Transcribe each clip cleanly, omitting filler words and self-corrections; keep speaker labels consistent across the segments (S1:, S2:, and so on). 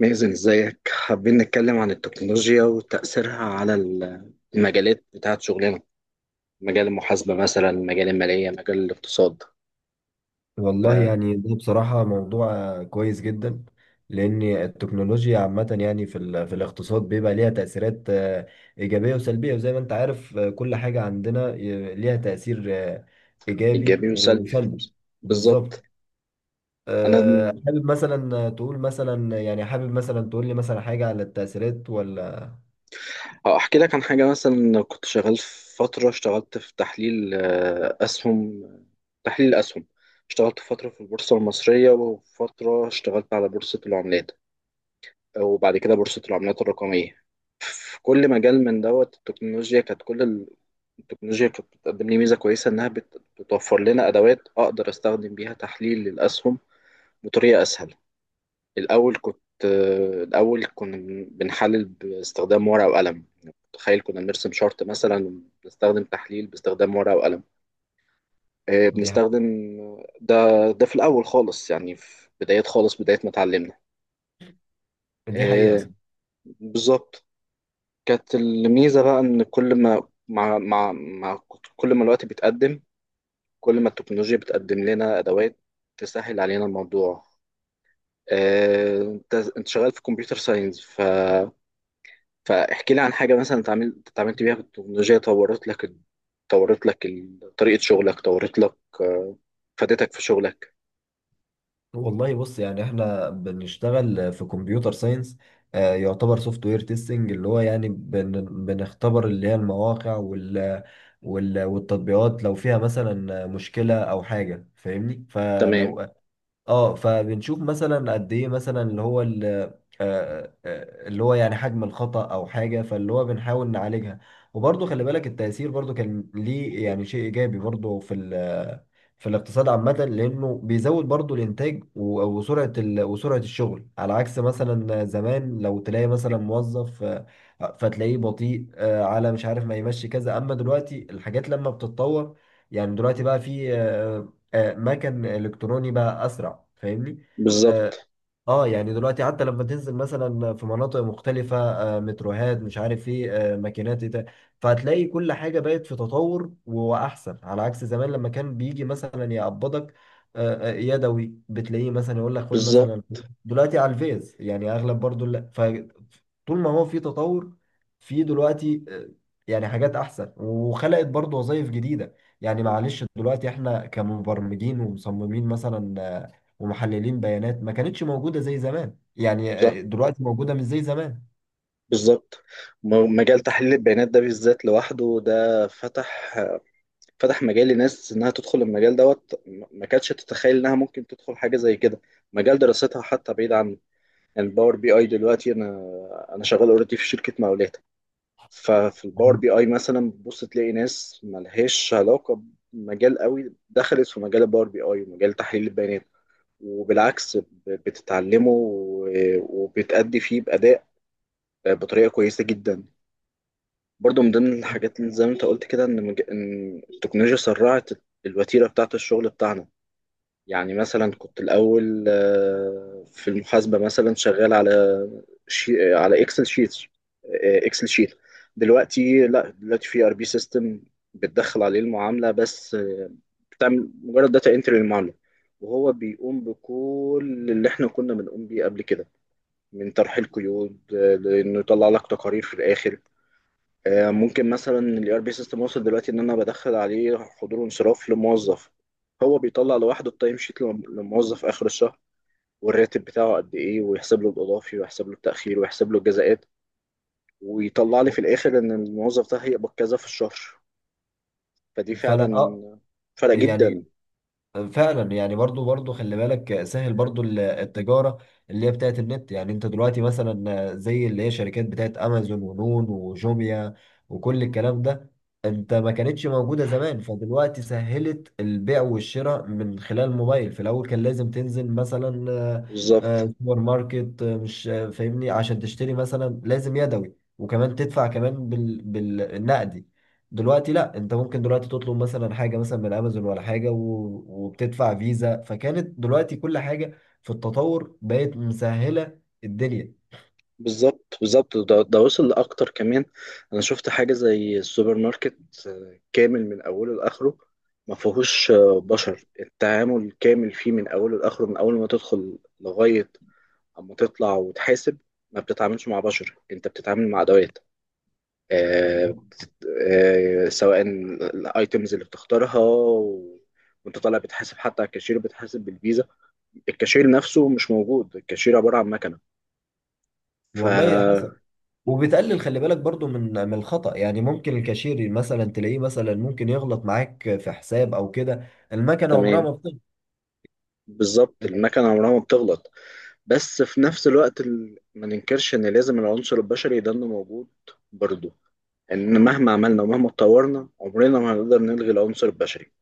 S1: مازن، ازيك؟ حابين نتكلم عن التكنولوجيا وتأثيرها على المجالات بتاعت شغلنا. مجال المحاسبة مثلا، مجال المالية مجال الاقتصاد.
S2: والله
S1: فإيجابي
S2: يعني ده بصراحة موضوع كويس جدا. لأن التكنولوجيا عامة يعني في الاقتصاد بيبقى ليها تأثيرات إيجابية وسلبية، وزي ما أنت عارف كل حاجة عندنا ليها تأثير إيجابي
S1: وسلبي.
S2: وسلبي.
S1: بالظبط.
S2: بالظبط.
S1: أنا
S2: حابب مثلا تقول لي مثلا حاجة على التأثيرات ولا؟
S1: اه، أحكي لك عن حاجة مثلا. كنت شغال في فترة، اشتغلت في تحليل أسهم. تحليل أسهم. اشتغلت فترة في البورصة المصرية وفترة اشتغلت على بورصة العملات وبعد كده بورصة العملات الرقمية. في كل مجال من دوت التكنولوجيا كانت كل التكنولوجيا كانت بتقدم لي ميزة كويسة، إنها بتوفر لنا أدوات أقدر أستخدم بيها تحليل للأسهم بطريقة أسهل. الأول كنت آه، الأول كنا بنحلل باستخدام ورقة وقلم. تخيل كنا بنرسم شارت مثلا، بنستخدم تحليل باستخدام ورقة وقلم. آه،
S2: دي ح-
S1: بنستخدم ده ده في الأول خالص، يعني في بدايات خالص، بداية ما اتعلمنا.
S2: دي حقيقة.
S1: آه، بالظبط. كانت الميزة بقى إن كل ما مع مع مع كل ما الوقت بيتقدم، كل ما التكنولوجيا بتقدم لنا أدوات تسهل علينا الموضوع. أنت شغال في كمبيوتر ساينس. فاحكي لي عن حاجة مثلا اتعاملت بيها في التكنولوجيا، طريقة شغلك، طورت لك آه، فادتك في شغلك.
S2: والله بص، يعني احنا بنشتغل في كمبيوتر ساينس، يعتبر سوفت وير تيستنج، اللي هو يعني بنختبر اللي هي المواقع والتطبيقات، لو فيها مثلا مشكلة او حاجة، فاهمني؟
S1: تمام.
S2: فلو اه فبنشوف مثلا قد ايه مثلا اللي هو اللي هو يعني حجم الخطأ أو حاجة، فاللي هو بنحاول نعالجها. وبرضه خلي بالك، التأثير برضه كان ليه يعني شيء إيجابي برضه في الاقتصاد عامة، لأنه بيزود برضه الإنتاج وسرعة وسرعة الشغل، على عكس مثلا زمان لو تلاقي مثلا موظف فتلاقيه بطيء، على مش عارف ما يمشي كذا. أما دلوقتي الحاجات لما بتتطور، يعني دلوقتي بقى في مكن إلكتروني بقى أسرع، فاهمني؟ آه،
S1: بالظبط.
S2: اه يعني دلوقتي حتى لما تنزل مثلا في مناطق مختلفة، متروهات مش عارف ايه، ماكينات ايه ده، فهتلاقي كل حاجة بقت في تطور وأحسن، على عكس زمان لما كان بيجي مثلا يقبضك يدوي، بتلاقيه مثلا يقول لك خد
S1: بالظبط.
S2: مثلا فلوس. دلوقتي على الفيز، يعني أغلب برضو، لا، فطول ما هو في تطور، في دلوقتي يعني حاجات أحسن. وخلقت برضو وظائف جديدة، يعني معلش دلوقتي احنا كمبرمجين ومصممين مثلا، ومحللين بيانات، ما كانتش موجودة زي زمان، يعني
S1: صح.
S2: دلوقتي موجودة مش زي زمان.
S1: بالظبط. مجال تحليل البيانات ده بالذات لوحده، ده فتح فتح مجال لناس انها تدخل المجال دوت، ما كانتش تتخيل انها ممكن تدخل حاجه زي كده. مجال دراستها حتى بعيد عن، يعني. الباور بي اي دلوقتي انا شغال اوريدي في شركه مقاولات. ففي الباور بي اي مثلا بتبص تلاقي ناس ملهاش علاقه بمجال قوي دخلت في مجال الباور بي اي ومجال تحليل البيانات، وبالعكس بتتعلمه وبتأدي فيه بأداء، بطريقة كويسة جدا. برضو من ضمن الحاجات اللي زي ما انت قلت كده ان ان التكنولوجيا سرعت الوتيره بتاعت الشغل بتاعنا. يعني مثلا كنت الاول، في المحاسبه مثلا شغال على على اكسل شيت. اكسل شيت. دلوقتي لا، دلوقتي في ار بي سيستم. بتدخل عليه المعامله بس، بتعمل مجرد داتا انتري للمعامله، وهو بيقوم بكل اللي احنا كنا بنقوم بيه قبل كده من طرح القيود. لانه يطلع لك تقارير في الاخر. ممكن مثلا الاي ار بي سيستم وصل دلوقتي ان انا بدخل عليه حضور وانصراف لموظف، هو بيطلع لوحده التايم شيت للموظف اخر الشهر، والراتب بتاعه قد ايه، ويحسب له الاضافي ويحسب له التاخير ويحسب له الجزاءات، ويطلع لي في الاخر ان الموظف ده هيقبض كذا في الشهر. فدي
S2: فانا
S1: فعلا فرق جدا.
S2: يعني فعلا، يعني برضو خلي بالك، سهل برضو التجارة اللي هي بتاعت النت. يعني انت دلوقتي مثلا زي اللي هي شركات بتاعت امازون ونون وجوميا وكل الكلام ده، انت ما كانتش موجودة زمان، فدلوقتي سهلت البيع والشراء من خلال الموبايل. في الاول كان لازم تنزل مثلا
S1: بالظبط.
S2: سوبر ماركت، مش، فاهمني؟ عشان تشتري مثلا لازم يدوي، وكمان تدفع كمان بالنقدي. دلوقتي لا، انت ممكن دلوقتي تطلب مثلا حاجه مثلا من امازون ولا حاجه وبتدفع فيزا، فكانت دلوقتي كل حاجه في التطور بقت مسهله الدنيا.
S1: بالظبط. بالظبط ده وصل لأكتر كمان. أنا شفت حاجة زي السوبر ماركت، كامل من أوله لآخره. ما فيهوش بشر، التعامل كامل فيه من أوله لآخره، من أول ما تدخل لغاية أما تطلع وتحاسب، ما بتتعاملش مع بشر. أنت بتتعامل مع أدوات، آه، سواء الأيتمز اللي بتختارها وأنت طالع بتحاسب، حتى على الكاشير بتحاسب بالفيزا. الكاشير نفسه مش موجود، الكاشير عبارة عن مكنة. ف
S2: والله حسن. وبتقلل خلي بالك برضو من الخطأ، يعني ممكن الكاشير مثلا تلاقيه مثلا ممكن يغلط معاك في حساب او كده، المكنه عمرها
S1: تمام.
S2: ما بتغلط.
S1: بالظبط، المكنة عمرها ما بتغلط. بس في نفس الوقت ما ننكرش ان لازم العنصر البشري ده إنه موجود برضه. يعني ان مهما عملنا ومهما اتطورنا عمرنا ما هنقدر نلغي العنصر البشري.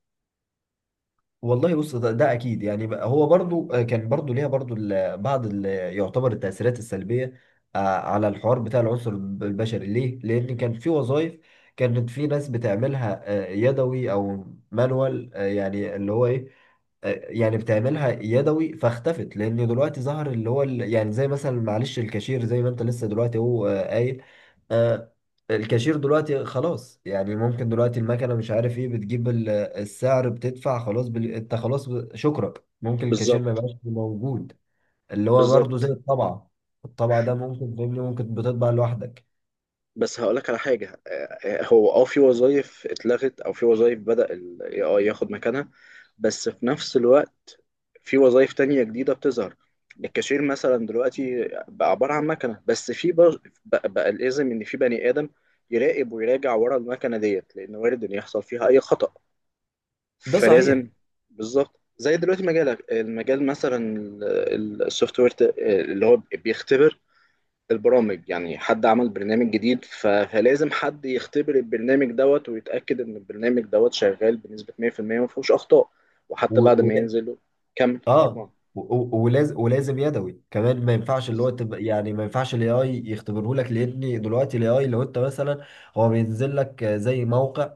S2: والله بص ده اكيد، يعني بقى هو برضو كان برضو ليها برضو بعض يعتبر التاثيرات السلبيه على الحوار بتاع العنصر البشري، ليه؟ لان كان في وظائف كانت في ناس بتعملها يدوي او مانوال، يعني اللي هو ايه؟ يعني بتعملها يدوي، فاختفت، لان دلوقتي ظهر اللي هو يعني زي مثلا معلش الكاشير، زي ما انت لسه دلوقتي هو قايل. آه، الكاشير دلوقتي خلاص، يعني ممكن دلوقتي المكنه مش عارف ايه بتجيب السعر، بتدفع خلاص انت خلاص شكرا. ممكن الكاشير ما
S1: بالظبط.
S2: يبقاش موجود. اللي هو برضه زي
S1: بالظبط.
S2: الطبعه، الطبعه ده ممكن فاهمني، ممكن بتطبع لوحدك.
S1: بس هقولك على حاجة، هو اه، في وظائف اتلغت او في وظائف بدأ ال AI ياخد مكانها. بس في نفس الوقت في وظائف تانية جديدة بتظهر. الكاشير مثلا دلوقتي بقى عبارة عن مكنة، بس في بقى الإذن إن في بني آدم يراقب ويراجع ورا المكنة ديت، لأن وارد إن يحصل فيها أي خطأ،
S2: ده صحيح.
S1: فلازم. بالظبط، زي دلوقتي مجالك، المجال مثلا السوفت وير اللي هو بيختبر البرامج، يعني حد عمل برنامج جديد، فلازم حد يختبر البرنامج دوت ويتأكد إن البرنامج دوت شغال بنسبة 100% وما فيهوش أخطاء، وحتى بعد ما ينزل. كمل،
S2: اه
S1: طبعا.
S2: ولازم يدوي كمان، ما ينفعش اللي
S1: بز-
S2: هو تبقى يعني ما ينفعش الاي اي يختبره لك، لان دلوقتي الاي اي لو انت مثلا هو بينزل لك زي موقع،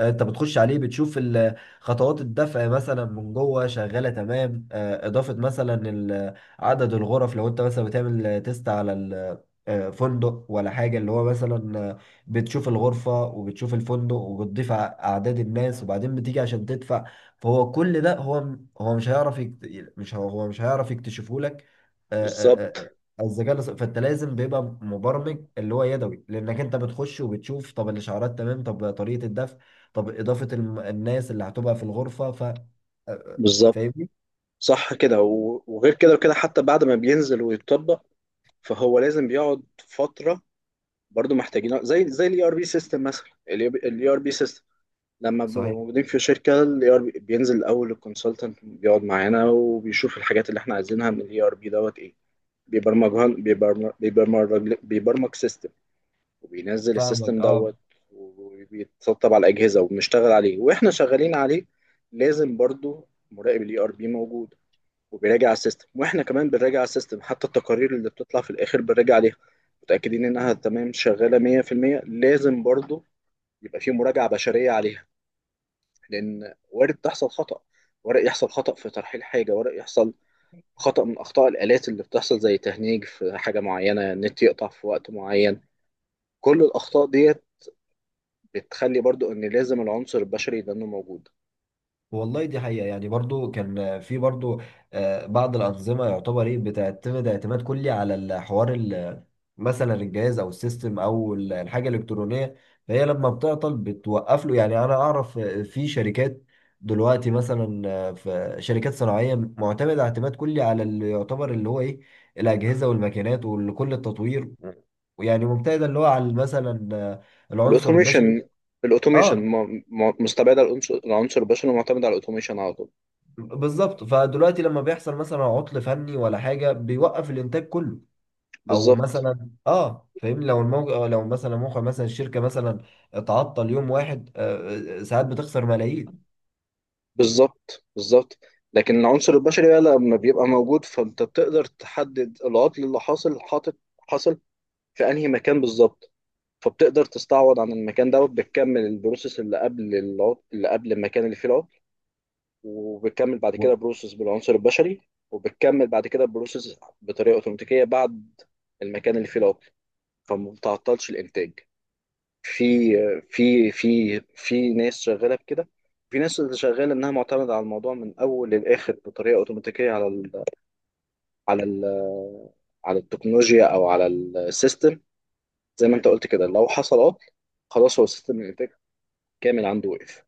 S2: انت بتخش عليه بتشوف خطوات الدفع مثلا من جوه شغاله تمام، اضافه مثلا عدد الغرف، لو انت مثلا بتعمل تيست على فندق ولا حاجه، اللي هو مثلا بتشوف الغرفه وبتشوف الفندق وبتضيف اعداد الناس، وبعدين بتيجي عشان تدفع. فهو كل ده هو مش هيعرف مش هو هو مش هيعرف يكتشفه لك، آه، آه،
S1: بالظبط.
S2: آه، الذكاء الاصطناعي. فانت لازم بيبقى مبرمج اللي هو يدوي، لانك انت بتخش وبتشوف طب الاشعارات تمام، طب طريقه الدفع، طب إضافة الناس اللي هتبقى في الغرفة آه،
S1: بالظبط.
S2: فاهمني؟
S1: صح كده، وغير كده وكده حتى بعد ما بينزل ويتطبق، فهو لازم بيقعد فترة. برضو محتاجين زي الاي ار بي سيستم مثلا. الاي ار بي سيستم لما بنبقى
S2: صحيح.
S1: موجودين في شركة الاي ار بي بينزل الاول الكونسلتنت، بيقعد معانا وبيشوف الحاجات اللي احنا عايزينها من الاي ار بي دوت ايه، بيبرمجها، بيبرمج سيستم وبينزل
S2: فاهمك،
S1: السيستم
S2: اه.
S1: دوت وبيتسطب على الاجهزه وبنشتغل عليه. واحنا شغالين عليه لازم برضو مراقب الاي ار بي موجود، وبيراجع السيستم، واحنا كمان بنراجع السيستم، حتى التقارير اللي بتطلع في الاخر بنراجع عليها متاكدين انها تمام شغاله 100%. لازم برضو يبقى في مراجعه بشريه عليها، لان وارد تحصل خطأ. ورق يحصل خطأ في ترحيل حاجة، ورق يحصل خطأ من أخطاء الآلات اللي بتحصل زي تهنيج في حاجة معينة، النت يقطع في وقت معين. كل الأخطاء ديت بتخلي برضو إن لازم العنصر البشري ده إنه موجود.
S2: والله دي حقيقة، يعني برضو كان في برضو بعض الأنظمة يعتبر إيه بتعتمد اعتماد كلي على الحوار مثلا الجهاز أو السيستم أو الحاجة الإلكترونية، فهي لما بتعطل بتوقف له. يعني أنا أعرف في شركات دلوقتي مثلا في شركات صناعية معتمدة اعتماد كلي على اللي يعتبر اللي هو إيه، الأجهزة والماكينات وكل التطوير، ويعني مبتعدة اللي هو على مثلا العنصر البشري.
S1: الأوتوميشن، الأوتوميشن
S2: اه،
S1: مستبعدة العنصر البشري ومعتمدة على الأوتوميشن على طول.
S2: بالظبط، فدلوقتي لما بيحصل مثلا عطل فني ولا حاجه بيوقف الانتاج كله. او
S1: بالظبط.
S2: مثلا فاهمني؟ لو لو مثلا موقع مثلا الشركه مثلا اتعطل يوم واحد، ساعات بتخسر ملايين.
S1: بالظبط. بالظبط، لكن العنصر البشري بقى لما بيبقى موجود فأنت بتقدر تحدد العطل اللي حاصل، حاطط حاصل في أنهي مكان بالظبط، فبتقدر تستعوض عن المكان دوت، بتكمل البروسيس اللي قبل العطل، اللي قبل المكان اللي فيه العطل، وبتكمل بعد كده بروسس بالعنصر البشري، وبتكمل بعد كده بروسس بطريقه اوتوماتيكيه بعد المكان اللي فيه العطل، فما بتعطلش الانتاج. في في ناس شغاله بكده، في ناس اللي شغاله انها معتمده على الموضوع من اول للاخر بطريقه اوتوماتيكيه على ال على ال على التكنولوجيا او على السيستم. زي ما انت قلت كده، لو حصل عطل خلاص، هو السيستم الانتاج كامل عنده وقف.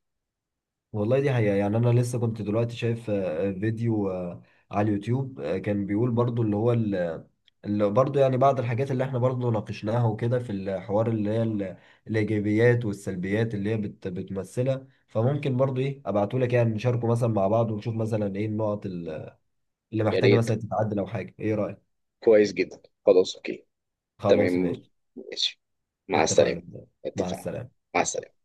S2: والله دي حقيقة، يعني أنا لسه كنت دلوقتي شايف فيديو على اليوتيوب، كان بيقول برضو اللي هو اللي برضو، يعني بعض الحاجات اللي احنا برضو ناقشناها وكده في الحوار، اللي هي الإيجابيات والسلبيات اللي هي بتمثلها. فممكن برضو إيه أبعتولك يعني نشاركه مثلا مع بعض، ونشوف مثلا إيه النقط اللي
S1: يا
S2: محتاجة
S1: ريت،
S2: مثلا تتعدل أو حاجة. إيه رأيك؟
S1: كويس جدا، خلاص اوكي.
S2: خلاص
S1: تمام.
S2: ماشي.
S1: ماشي. مع السلامة.
S2: اتفقنا. مع
S1: اتفقنا.
S2: السلامة.
S1: مع السلامة.